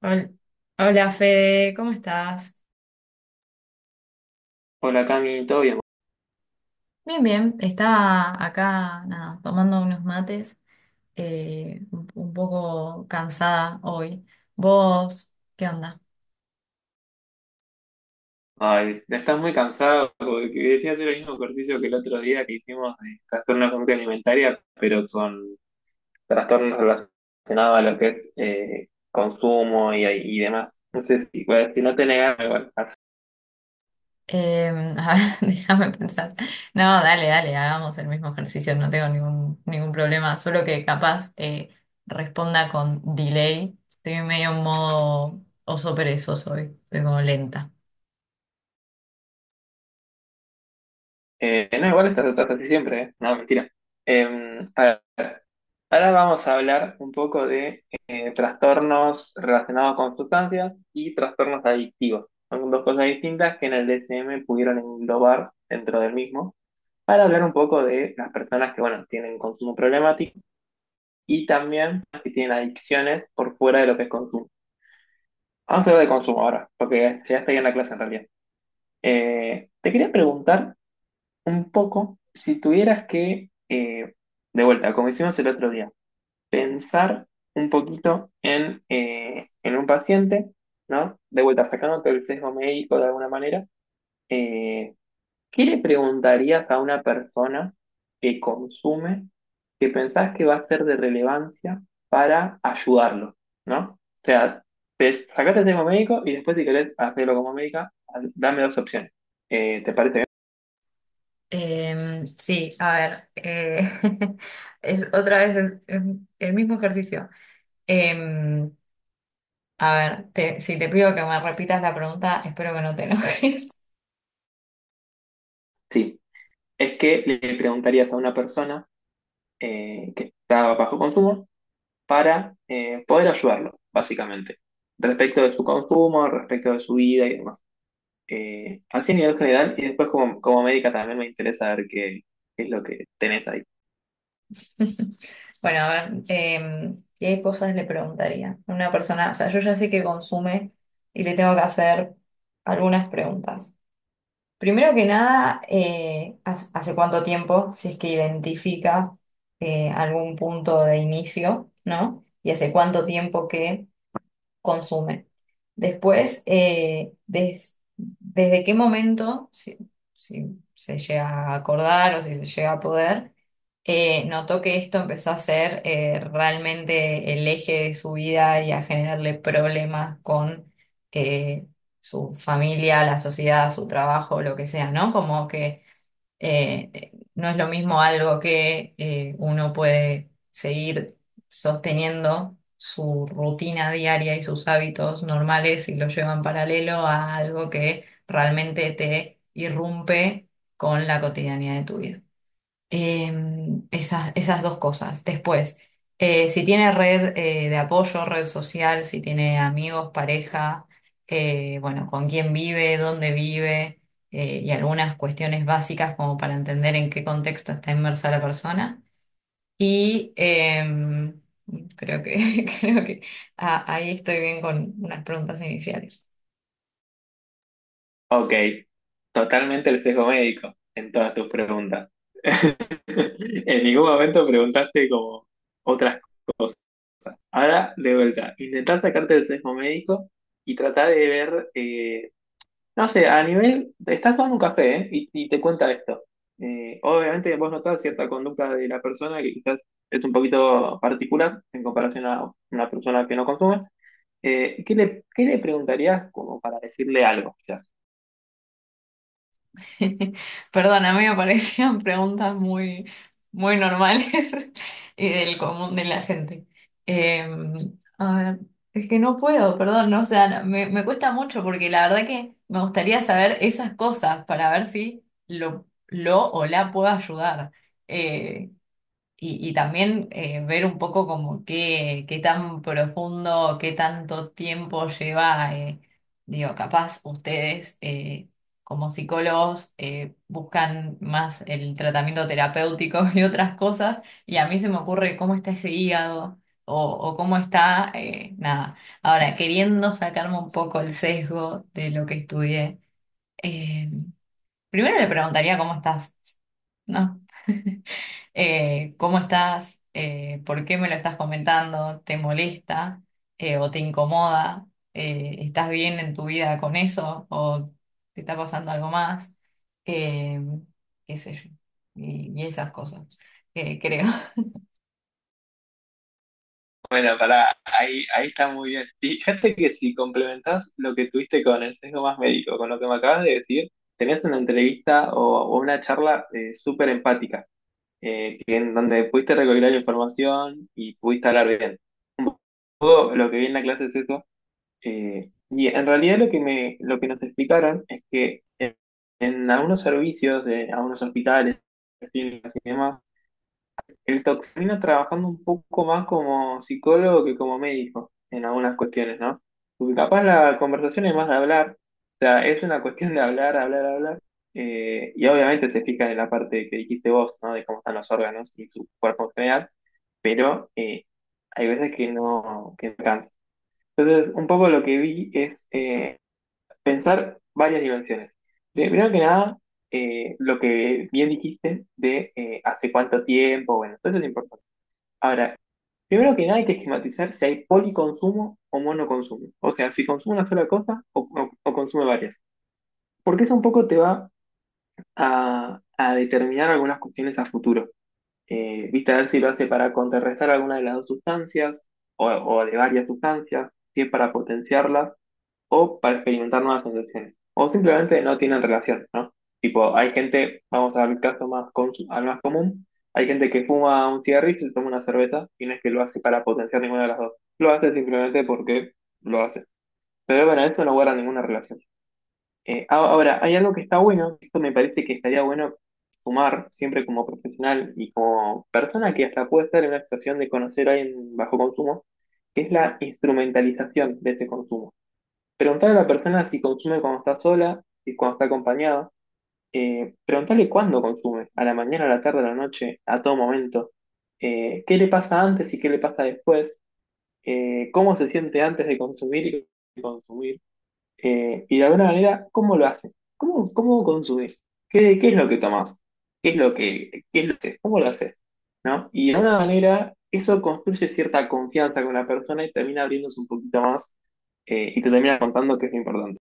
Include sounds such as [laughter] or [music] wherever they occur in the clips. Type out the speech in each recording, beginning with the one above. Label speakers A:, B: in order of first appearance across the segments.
A: Hol- Hola Fede, ¿cómo estás?
B: Hola Cami, ¿todo bien?
A: Bien, bien, estaba acá nada, tomando unos mates, un poco cansada hoy. ¿Vos qué onda?
B: Ay, estás muy cansado porque quería hacer el mismo ejercicio que el otro día que hicimos de trastorno de conducta alimentaria, pero con trastornos relacionados a lo que es consumo y demás. No sé si, pues, si no te negas, igual.
A: Eh, a ver, [laughs] déjame pensar. No, dale, dale, hagamos el mismo ejercicio, no tengo ningún problema, solo que capaz responda con delay. Estoy medio en modo oso perezoso hoy, estoy como lenta.
B: No, igual estás, estás así siempre, ¿eh? No, mentira. Eh, a ver, ahora vamos a hablar un poco de trastornos relacionados con sustancias y trastornos adictivos. Son dos cosas distintas que en el DSM pudieron englobar dentro del mismo. Para hablar un poco de las personas que, bueno, tienen consumo problemático y también que tienen adicciones por fuera de lo que es consumo. Vamos a hablar de consumo ahora, porque ya estoy en la clase en realidad. Te quería preguntar un poco si tuvieras que, de vuelta, como hicimos el otro día, pensar un poquito en un paciente, ¿no? De vuelta, sacándote el sesgo médico de alguna manera, eh, ¿qué le preguntarías a una persona que consume, que pensás que va a ser de relevancia para ayudarlo? ¿No? O sea, te sacaste el tema médico y después si querés hacerlo como médica, dame dos opciones. ¿Te parece bien?
A: Sí, a ver, [laughs] es otra vez es el mismo ejercicio. Em, a ver, si te pido que me repitas la pregunta, espero que no te enojes.
B: Sí. Es que le preguntarías a una persona que está bajo consumo para poder ayudarlo, básicamente, respecto de su consumo, respecto de su vida y demás. Así a nivel general, y después como, como médica también me interesa ver qué, qué es lo que tenés ahí.
A: [laughs] Bueno, a ver, ¿qué cosas le preguntaría a una persona? O sea, yo ya sé que consume y le tengo que hacer algunas preguntas. Primero que nada, ¿hace cuánto tiempo, si es que identifica algún punto de inicio, ¿no? Y hace cuánto tiempo que consume. Después, desde qué momento, si se llega a acordar o si se llega a poder, notó que esto empezó a ser realmente el eje de su vida y a generarle problemas con eh, su familia, la sociedad, su trabajo, lo que sea, ¿no? Como que no es lo mismo algo que uno puede seguir sosteniendo su rutina diaria y sus hábitos normales y lo lleva en paralelo a algo que realmente te irrumpe con la cotidianidad de tu vida. Esas dos cosas. Después, si tiene red de apoyo, red social, si tiene amigos, pareja, bueno, con quién vive, dónde vive, y algunas cuestiones básicas como para entender en qué contexto está inmersa la persona. Y [laughs] creo que ahí estoy bien con unas preguntas iniciales.
B: Ok, totalmente el sesgo médico en todas tus preguntas. [laughs] En ningún momento preguntaste como otras cosas. Ahora, de vuelta, intentá sacarte el sesgo médico y tratá de ver, no sé, a nivel, estás tomando un café, ¿eh? Y, y te cuenta esto. Obviamente vos notás cierta conducta de la persona que quizás es un poquito particular en comparación a una persona que no consume. ¿Qué le, qué le preguntarías como para decirle algo, quizás?
A: [laughs] Perdón, a mí me parecían [laughs] preguntas muy normales [laughs] y del común de la gente. Eh, a ver, es que no puedo, perdón, no, o sea, no, me cuesta mucho porque la verdad que me gustaría saber esas cosas para ver si lo o la puedo ayudar. Eh, y también ver un poco como qué tan profundo, qué tanto tiempo lleva, digo, capaz ustedes como psicólogos buscan más el tratamiento terapéutico [laughs] y otras cosas, y a mí se me ocurre cómo está ese hígado o cómo está, nada. Ahora, queriendo sacarme un poco el sesgo de lo que estudié, eh, primero le preguntaría cómo estás, ¿no? ¿Cómo estás? ¿Por qué me lo estás comentando? ¿Te molesta o te incomoda? ¿Estás bien en tu vida con eso o te está pasando algo más? Eh, qué sé yo, y esas cosas, creo. [laughs]
B: Bueno, para ahí, ahí está muy bien. Fíjate que si complementás lo que tuviste con el sesgo más médico, con lo que me acabas de decir, tenés una entrevista o una charla súper empática, que en donde pudiste recopilar información y pudiste hablar bien. Un poco lo que vi en la clase es eso. Y en realidad lo que me, lo que nos explicaron es que en algunos servicios de algunos hospitales, clínicas y demás, el toxino trabajando un poco más como psicólogo que como médico en algunas cuestiones, ¿no? Porque capaz la conversación es más de hablar, o sea, es una cuestión de hablar, hablar, hablar, y obviamente se fijan en la parte que dijiste vos, ¿no? De cómo están los órganos y su cuerpo en general, pero hay veces que no alcanza. Entonces, un poco lo que vi es pensar varias dimensiones. Primero que nada, lo que bien dijiste de hace cuánto tiempo, bueno, eso es importante. Ahora, primero que nada hay que esquematizar si hay policonsumo o monoconsumo. O sea, si consume una sola cosa o consume varias. Porque eso un poco te va a determinar algunas cuestiones a futuro. Viste, a ver si lo hace para contrarrestar alguna de las dos sustancias o de varias sustancias, si es para potenciarlas o para experimentar nuevas sensaciones, o simplemente no tienen relación, ¿no? Tipo, hay gente, vamos al caso más, al más común, hay gente que fuma un cigarrillo y se toma una cerveza, y no es que lo hace para potenciar ninguna de las dos, lo hace simplemente porque lo hace. Pero bueno, esto no guarda ninguna relación. Ahora, hay algo que está bueno, esto me parece que estaría bueno sumar siempre como profesional y como persona que hasta puede estar en una situación de conocer a alguien bajo consumo, que es la instrumentalización de ese consumo. Preguntar a la persona si consume cuando está sola, y cuando está acompañada. Preguntarle cuándo consume, a la mañana, a la tarde, a la noche, a todo momento. ¿Qué le pasa antes y qué le pasa después? ¿Cómo se siente antes de consumir y de consumir? Y de alguna manera, ¿cómo lo hace? ¿Cómo, cómo consumís? ¿Qué, qué es lo que tomás? ¿Qué es lo que, qué es lo que haces? ¿Cómo lo haces? ¿No? Y de alguna manera, eso construye cierta confianza con la persona y termina abriéndose un poquito más, y te termina contando que es lo importante.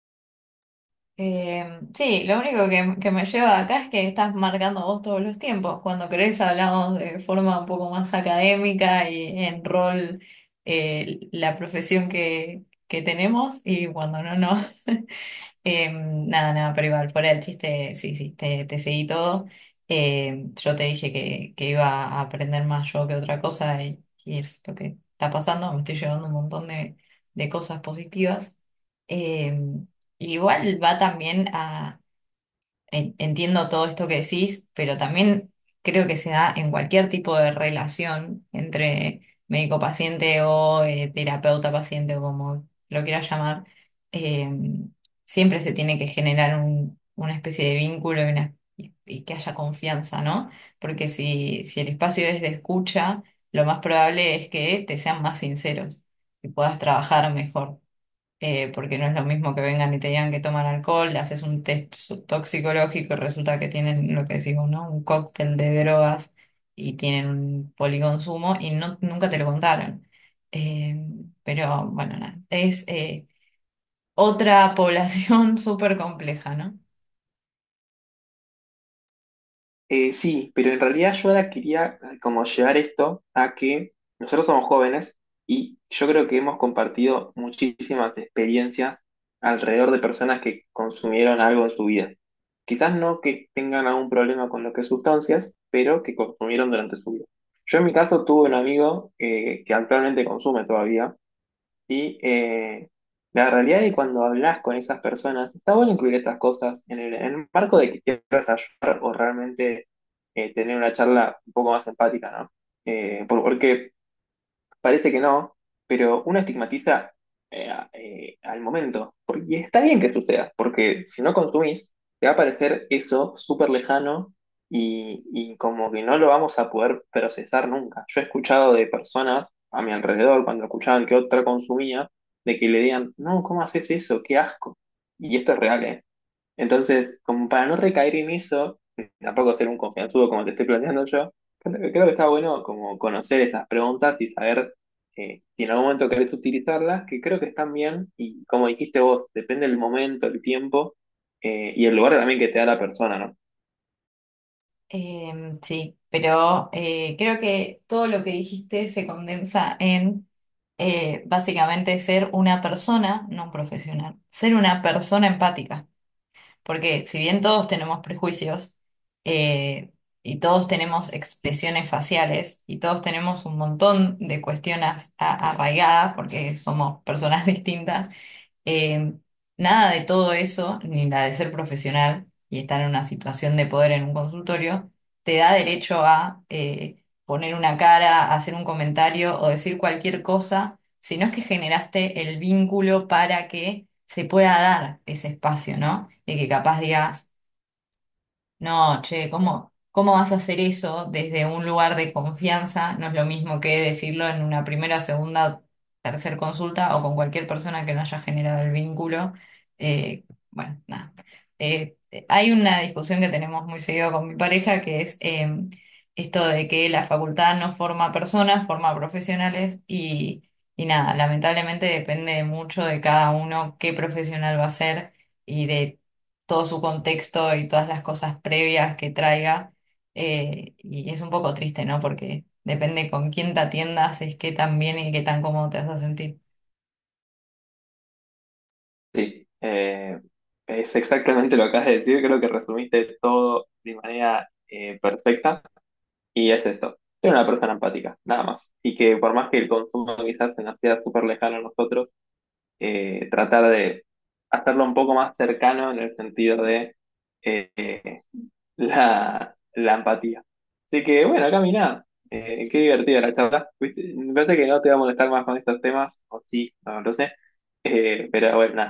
A: Sí, lo único que me lleva acá es que estás marcando vos todos los tiempos. Cuando querés hablamos de forma un poco más académica y en rol la profesión que tenemos y cuando no, no. [laughs] Nada, pero igual, fuera del chiste, sí, sí, te seguí todo. Em, yo te dije que iba a aprender más yo que otra cosa y es lo que está pasando. Me estoy llevando un montón de cosas positivas. Em, igual va también a entiendo todo esto que decís, pero también creo que se da en cualquier tipo de relación entre médico-paciente o terapeuta-paciente o como lo quieras llamar. eh, siempre se tiene que generar una especie de vínculo y, y que haya confianza, ¿no? Porque si el espacio es de escucha, lo más probable es que te sean más sinceros y puedas trabajar mejor porque no es lo mismo que vengan y te digan que toman alcohol, le haces un test toxicológico y resulta que tienen lo que decimos, ¿no? Un cóctel de drogas y tienen un policonsumo y no, nunca te lo contaron. Eh, pero bueno, nada, es otra población [laughs] súper compleja, ¿no?
B: Sí, pero en realidad yo ahora quería como llevar esto a que nosotros somos jóvenes y yo creo que hemos compartido muchísimas experiencias alrededor de personas que consumieron algo en su vida. Quizás no que tengan algún problema con lo que es sustancias, pero que consumieron durante su vida. Yo en mi caso tuve un amigo que actualmente consume todavía y la realidad de cuando hablas con esas personas, está bueno incluir estas cosas en el marco de que quieras ayudar o realmente tener una charla un poco más empática, ¿no? Porque parece que no, pero uno estigmatiza al momento. Por- Y está bien que suceda, porque si no consumís, te va a parecer eso súper lejano y como que no lo vamos a poder procesar nunca. Yo he escuchado de personas a mi alrededor, cuando escuchaban que otra consumía, de que le digan, no, ¿cómo haces eso? ¡Qué asco! Y esto es real, ¿eh? Entonces, como para no recaer en eso, tampoco ser un confianzudo como te estoy planteando yo, creo que está bueno como conocer esas preguntas y saber si en algún momento querés utilizarlas, que creo que están bien y como dijiste vos, depende del momento, el tiempo y el lugar también que te da la persona, ¿no?
A: Eh, sí, pero creo que todo lo que dijiste se condensa en básicamente ser una persona, no un profesional, ser una persona empática. Porque si bien todos tenemos prejuicios eh, y todos tenemos expresiones faciales y todos tenemos un montón de cuestiones arraigadas porque somos personas [laughs] distintas, eh, nada de todo eso, ni la de ser profesional y estar en una situación de poder en un consultorio, te da derecho a poner una cara, hacer un comentario o decir cualquier cosa, sino es que generaste el vínculo para que se pueda dar ese espacio, ¿no? Y que capaz digas no, che, ¿cómo vas a hacer eso desde un lugar de confianza? No es lo mismo que decirlo en una primera, segunda, tercer consulta o con cualquier persona que no haya generado el vínculo. Eh, bueno, nada. Hay una discusión que tenemos muy seguido con mi pareja que es esto de que la facultad no forma personas, forma profesionales y nada, lamentablemente depende mucho de cada uno qué profesional va a ser y de todo su contexto y todas las cosas previas que traiga. Y es un poco triste, ¿no? Porque depende con quién te atiendas, es qué tan bien y qué tan cómodo te vas a sentir.
B: Sí, es exactamente lo que acabas de decir, creo que resumiste todo de manera perfecta, y es esto, ser una persona empática, nada más, y que por más que el consumo quizás en la ciudad súper lejana a nosotros, tratar de hacerlo un poco más cercano en el sentido de eh, la, la empatía. Así que bueno, caminá. Qué divertida la charla. ¿Viste? Me parece que no te va a molestar más con estos temas, o sí, no lo sé. Pero bueno, nada.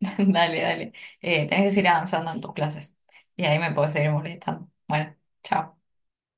A: [laughs] Dale, dale. Tenés que seguir avanzando en tus clases. Y ahí me puedes seguir molestando. Bueno, chao.